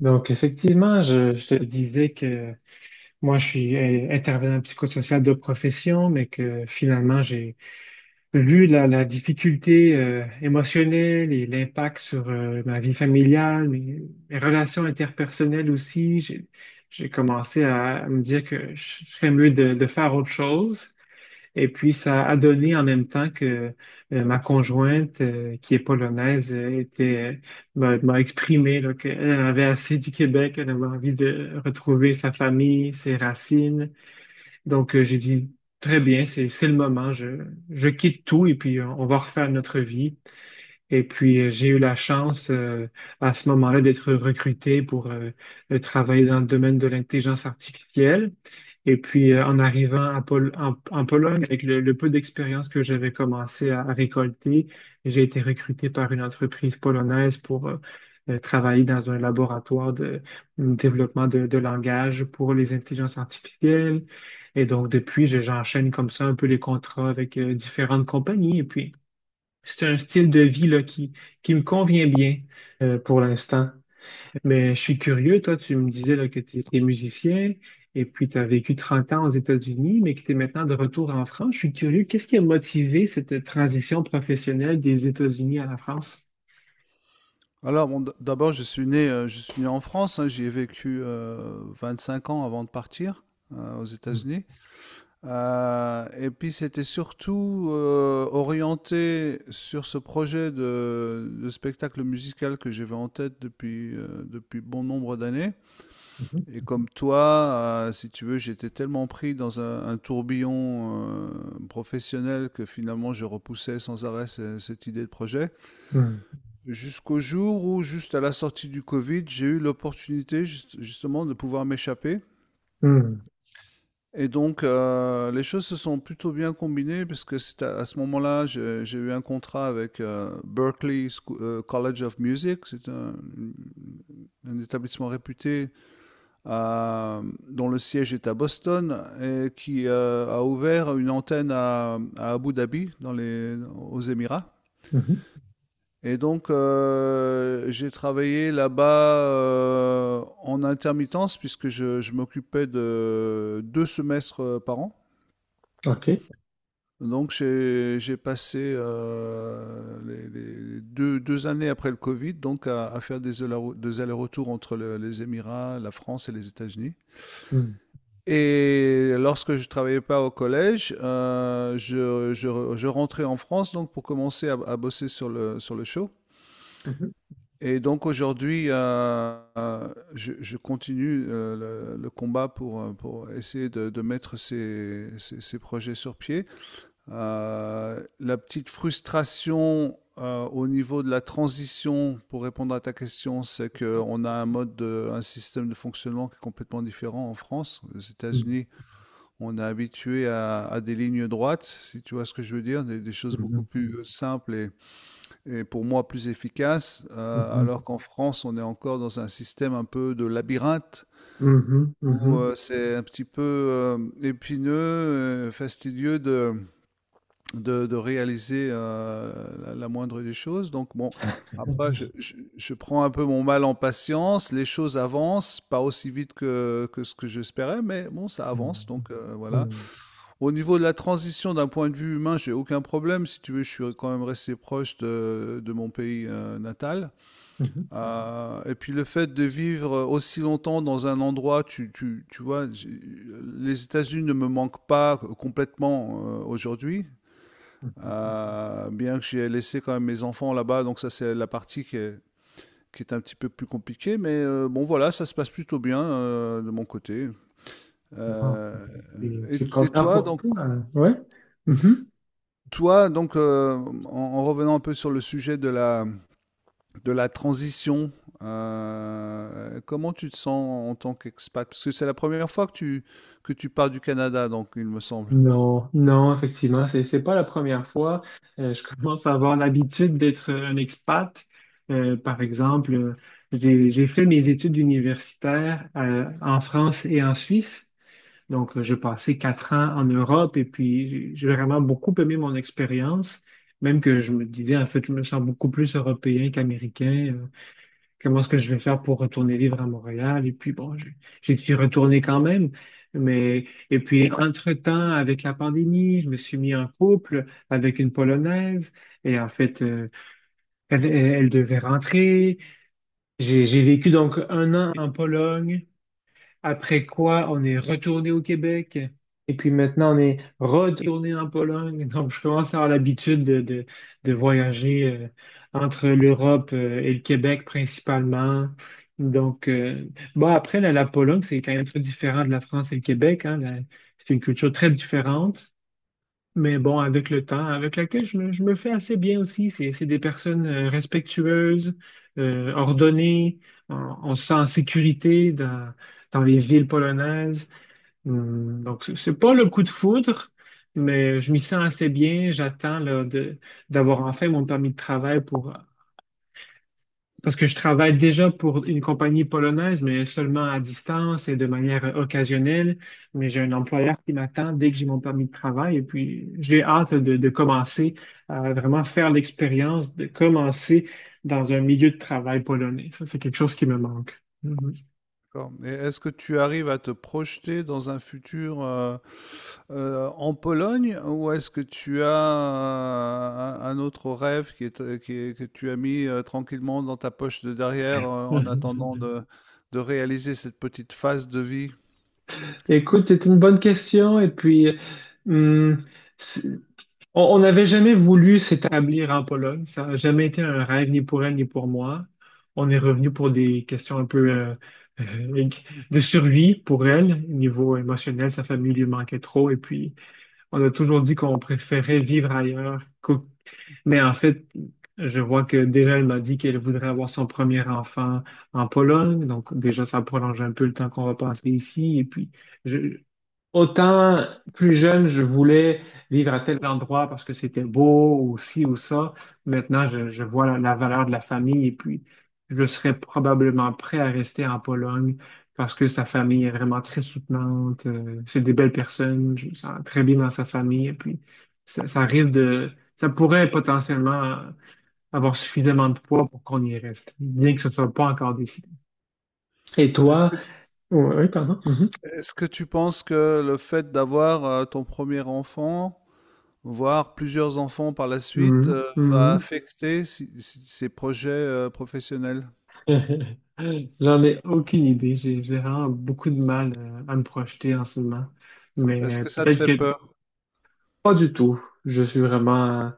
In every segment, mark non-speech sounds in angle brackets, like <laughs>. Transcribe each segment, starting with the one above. Donc, effectivement, je te disais que moi, je suis intervenant psychosocial de profession, mais que finalement, j'ai vu la difficulté émotionnelle et l'impact sur ma vie familiale, mes relations interpersonnelles aussi. J'ai commencé à me dire que je serais mieux de faire autre chose. Et puis, ça a donné en même temps que ma conjointe, qui est polonaise, m'a exprimé là, qu'elle avait assez du Québec, elle avait envie de retrouver sa famille, ses racines. Donc, j'ai dit, très bien, c'est le moment, je quitte tout et puis on va refaire notre vie. Et puis, j'ai eu la chance à ce moment-là d'être recruté pour travailler dans le domaine de l'intelligence artificielle. Et puis, en arrivant à en Pologne, avec le peu d'expérience que j'avais commencé à récolter, j'ai été recruté par une entreprise polonaise pour travailler dans un laboratoire de développement de langage pour les intelligences artificielles. Et donc, depuis, j'enchaîne comme ça un peu les contrats avec différentes compagnies. Et puis, c'est un style de vie là, qui me convient bien pour l'instant. Mais je suis curieux, toi, tu me disais là, que tu étais musicien et puis tu as vécu 30 ans aux États-Unis, mais que tu es maintenant de retour en France. Je suis curieux, qu'est-ce qui a motivé cette transition professionnelle des États-Unis à la France? Alors, bon, d'abord, je suis né en France, hein, j'y ai vécu 25 ans avant de partir aux États-Unis. Et puis, c'était surtout orienté sur ce projet de spectacle musical que j'avais en tête depuis bon nombre d'années. Mhm, Et comme toi, si tu veux, j'étais tellement pris dans un tourbillon professionnel que finalement, je repoussais sans arrêt cette idée de projet. mhm, Jusqu'au jour où, juste à la sortie du Covid, j'ai eu l'opportunité justement de pouvoir m'échapper. mhm, Donc les choses se sont plutôt bien combinées parce que c'est à ce moment-là, j'ai eu un contrat avec College of Music. C'est un établissement réputé euh, dont le siège est à Boston et qui a ouvert une antenne à Abu Dhabi, aux Émirats. mhm. Et donc, j'ai travaillé là-bas en intermittence puisque je m'occupais de deux semestres par an. OK. Donc, j'ai passé les deux années après le Covid donc à faire des allers-retours entre les Émirats, la France et les États-Unis. Mhm, Et lorsque je travaillais pas au collège, je rentrais en France donc pour commencer à bosser sur sur le show. mhm, Et donc aujourd'hui, je continue le combat pour essayer de mettre ces projets sur pied. La petite frustration au niveau de la transition, pour répondre à ta question, c'est qu'on a un un système de fonctionnement qui est complètement différent en France. Aux États-Unis, on est habitué à des lignes droites, si tu vois ce que je veux dire, des choses beaucoup plus simples et pour moi plus efficace, mhm, mhm, alors qu'en France, on est encore dans un système un peu de labyrinthe mhm, mhm, où mhm. C'est un petit peu épineux, fastidieux de réaliser la moindre des choses. Donc bon, après, <laughs> je prends un peu mon mal en patience, les choses avancent, pas aussi vite que ce que j'espérais, mais bon, ça avance, donc voilà. Mhm, Au niveau de la transition d'un point de vue humain, j'ai aucun problème. Si tu veux, je suis quand même resté proche de mon pays natal. mhm, Et puis le fait de vivre aussi longtemps dans un endroit, tu vois, les États-Unis ne me manquent pas complètement aujourd'hui. mhm, Bien que j'ai laissé quand même mes enfants là-bas, donc ça c'est la partie qui est un petit peu plus compliquée, mais bon voilà, ça se passe plutôt bien de mon côté. mhm. Euh, Des et, trucs et comme- importants. Hein. Ouais. Mhm. toi, donc en revenant un peu sur le sujet de la transition. Comment tu te sens en tant qu'expat? Parce que c'est la première fois que tu pars du Canada, donc il me semble. Non, non, effectivement, c'est pas la première fois. Je commence à avoir l'habitude d'être un expat. Par exemple, j'ai fait mes études universitaires en France et en Suisse. Donc, j'ai passé 4 ans en Europe et puis j'ai vraiment beaucoup aimé mon expérience, même que je me disais, en fait, je me sens beaucoup plus européen qu'américain. Comment est-ce que je vais faire pour retourner vivre à Montréal? Et puis bon, j'ai dû retourner quand même. Mais, et puis, entre-temps, avec la pandémie, je me suis mis en couple avec une Polonaise. Et en fait, elle devait rentrer. J'ai vécu donc 1 an en Pologne. Après quoi, on est retourné au Québec. Et puis maintenant, on est retourné en Pologne. <laughs> Donc, je commence à avoir l'habitude de voyager entre l'Europe et le Québec principalement. Donc, bon, après, la Pologne, c'est quand même très différent de la France et le Québec, hein. C'est une culture très différente. Mais bon, avec le temps, avec laquelle je me fais assez bien aussi. C'est des personnes respectueuses, ordonnées. On, on se sent en sécurité dans les villes polonaises. Donc, c'est pas le coup de foudre, mais je m'y sens assez bien. J'attends là, d'avoir enfin mon permis de travail pour parce que je travaille déjà pour une compagnie polonaise, mais seulement à distance et de manière occasionnelle. Mais j'ai un employeur qui m'attend dès que j'ai mon permis de travail. Et puis, j'ai hâte de commencer à vraiment faire l'expérience de commencer dans un milieu de travail polonais. Ça, c'est quelque chose qui me manque. Mhm. D'accord. Et est-ce que tu arrives à te projeter dans un futur en Pologne, ou est-ce que tu as un autre rêve qui est, que tu as mis tranquillement dans ta poche de derrière en <laughs> attendant de réaliser cette petite phase de vie? Écoute, c'est une bonne question. Et puis, hum, c'est- On n'avait jamais voulu s'établir en Pologne. Ça n'a jamais été un rêve ni pour elle ni pour moi. On est revenu pour des questions un peu euh, de survie pour elle. Au niveau émotionnel, sa famille lui manquait trop. Et puis, on a toujours dit qu'on préférait vivre ailleurs mais en fait, je vois que déjà, elle m'a dit qu'elle voudrait avoir son premier enfant en Pologne. Donc, déjà, ça prolonge un peu le temps qu'on va passer ici. Et puis, je, autant plus jeune, je voulais vivre à tel endroit parce que c'était beau ou ci ou ça. Maintenant, je vois la valeur de la famille et puis, je serais probablement prêt à rester en Pologne parce que sa famille est vraiment très soutenante. C'est des belles personnes. Je me sens très bien dans sa famille. Et puis, ça ça risque de ça pourrait potentiellement avoir suffisamment de poids pour qu'on y reste, bien que ce ne soit pas encore décidé. Et Est-ce toi? que, Oui, oui, pardon. Mhm. est-ce que tu penses que le fait d'avoir ton premier enfant, voir plusieurs enfants par la suite, Mhm. Va Mhm. affecter si ses projets, professionnels. <laughs> J'en ai aucune idée. J'ai vraiment beaucoup de mal à me projeter en ce moment. Est-ce Mais que ça te peut-être fait que peur? pas du tout. Je suis vraiment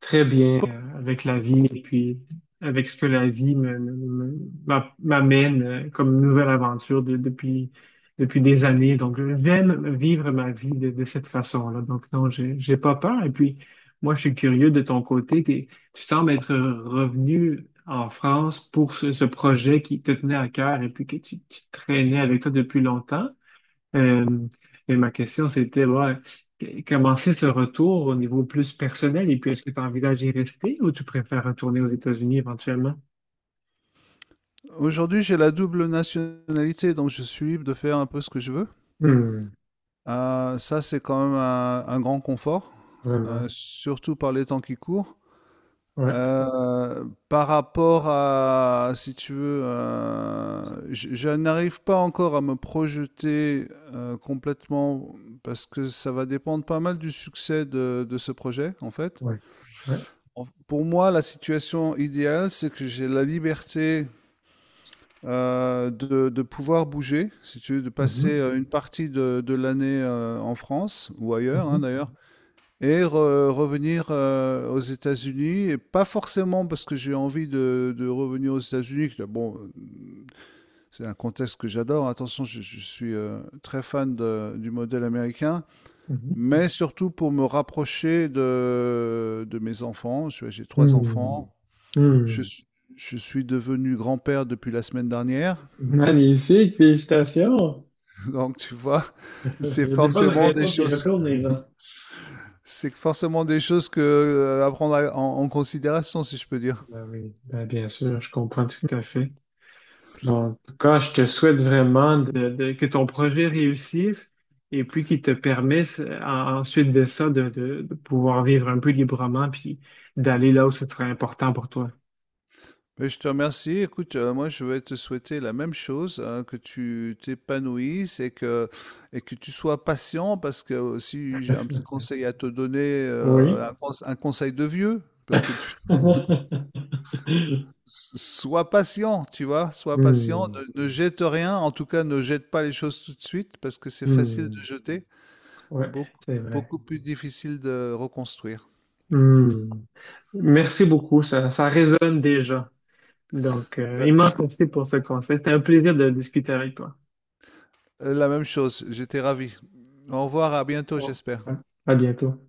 très bien avec la vie et puis avec ce que la vie m'amène comme nouvelle aventure depuis, depuis des années. Donc, j'aime vivre ma vie de cette façon-là. Donc, non, j'ai pas peur. Et puis, moi, je suis curieux de ton côté. Tu sembles être revenu en France pour ce projet qui te tenait à cœur et puis que tu traînais avec toi depuis longtemps. Euh, et ma question, c'était bah, comment c'est ce retour au niveau plus personnel et puis est-ce que tu envisages d'y rester ou tu préfères retourner aux États-Unis éventuellement? Aujourd'hui, j'ai la double nationalité, donc je suis libre de faire un peu ce que je veux. Hmm, Ça, c'est quand même un grand confort, vraiment. surtout par les temps qui courent. Ouais, Euh, par rapport à, si tu veux, je n'arrive pas encore à me projeter complètement parce que ça va dépendre pas mal du succès de ce projet, en fait. ouais, ouais. Pour moi, la situation idéale, c'est que j'ai la liberté de pouvoir bouger, si tu veux, de passer Mhm, une partie de l'année en France ou ailleurs, hein, mhm, d'ailleurs, et revenir aux États-Unis, et pas forcément parce que j'ai envie de revenir aux États-Unis. Bon, c'est un contexte que j'adore. Attention, je suis très fan du modèle américain, mhm. mais surtout pour me rapprocher de mes enfants. J'ai trois enfants. Hmm, Je, hmm. suis- je suis devenu grand-père depuis la semaine dernière, Magnifique, félicitations. <laughs> donc tu vois, <laughs> c'est Il y a des bonnes forcément des raisons d'y choses. retourner là. C'est forcément des choses que à prendre en considération, si je peux dire. Ben oui, ben bien sûr, je comprends tout à fait. Donc, tout je te souhaite vraiment que ton projet réussisse et puis qu'il te permette ensuite de ça de pouvoir vivre un peu librement puis d'aller là où ce serait important pour toi. Mais je te remercie. Écoute, moi, je vais te souhaiter la même chose, hein, que tu t'épanouisses et que tu sois patient, parce que si j'ai un petit <laughs> conseil à te donner, Oui. Un conseil de vieux, parce que tu <laughs> sois patient, tu vois, sois patient, Hmm, ne jette rien, en tout cas, ne jette pas les choses tout de suite, parce que c'est facile de hmm. jeter, Ouais, beaucoup, c'est vrai. beaucoup plus difficile de reconstruire. Hmm. Merci beaucoup, ça résonne déjà. Donc, Ben, je- immense merci pour ce conseil. C'était un plaisir de discuter avec toi. La même chose, j'étais ravi. Au revoir, à bientôt, Bon. j'espère. À bientôt.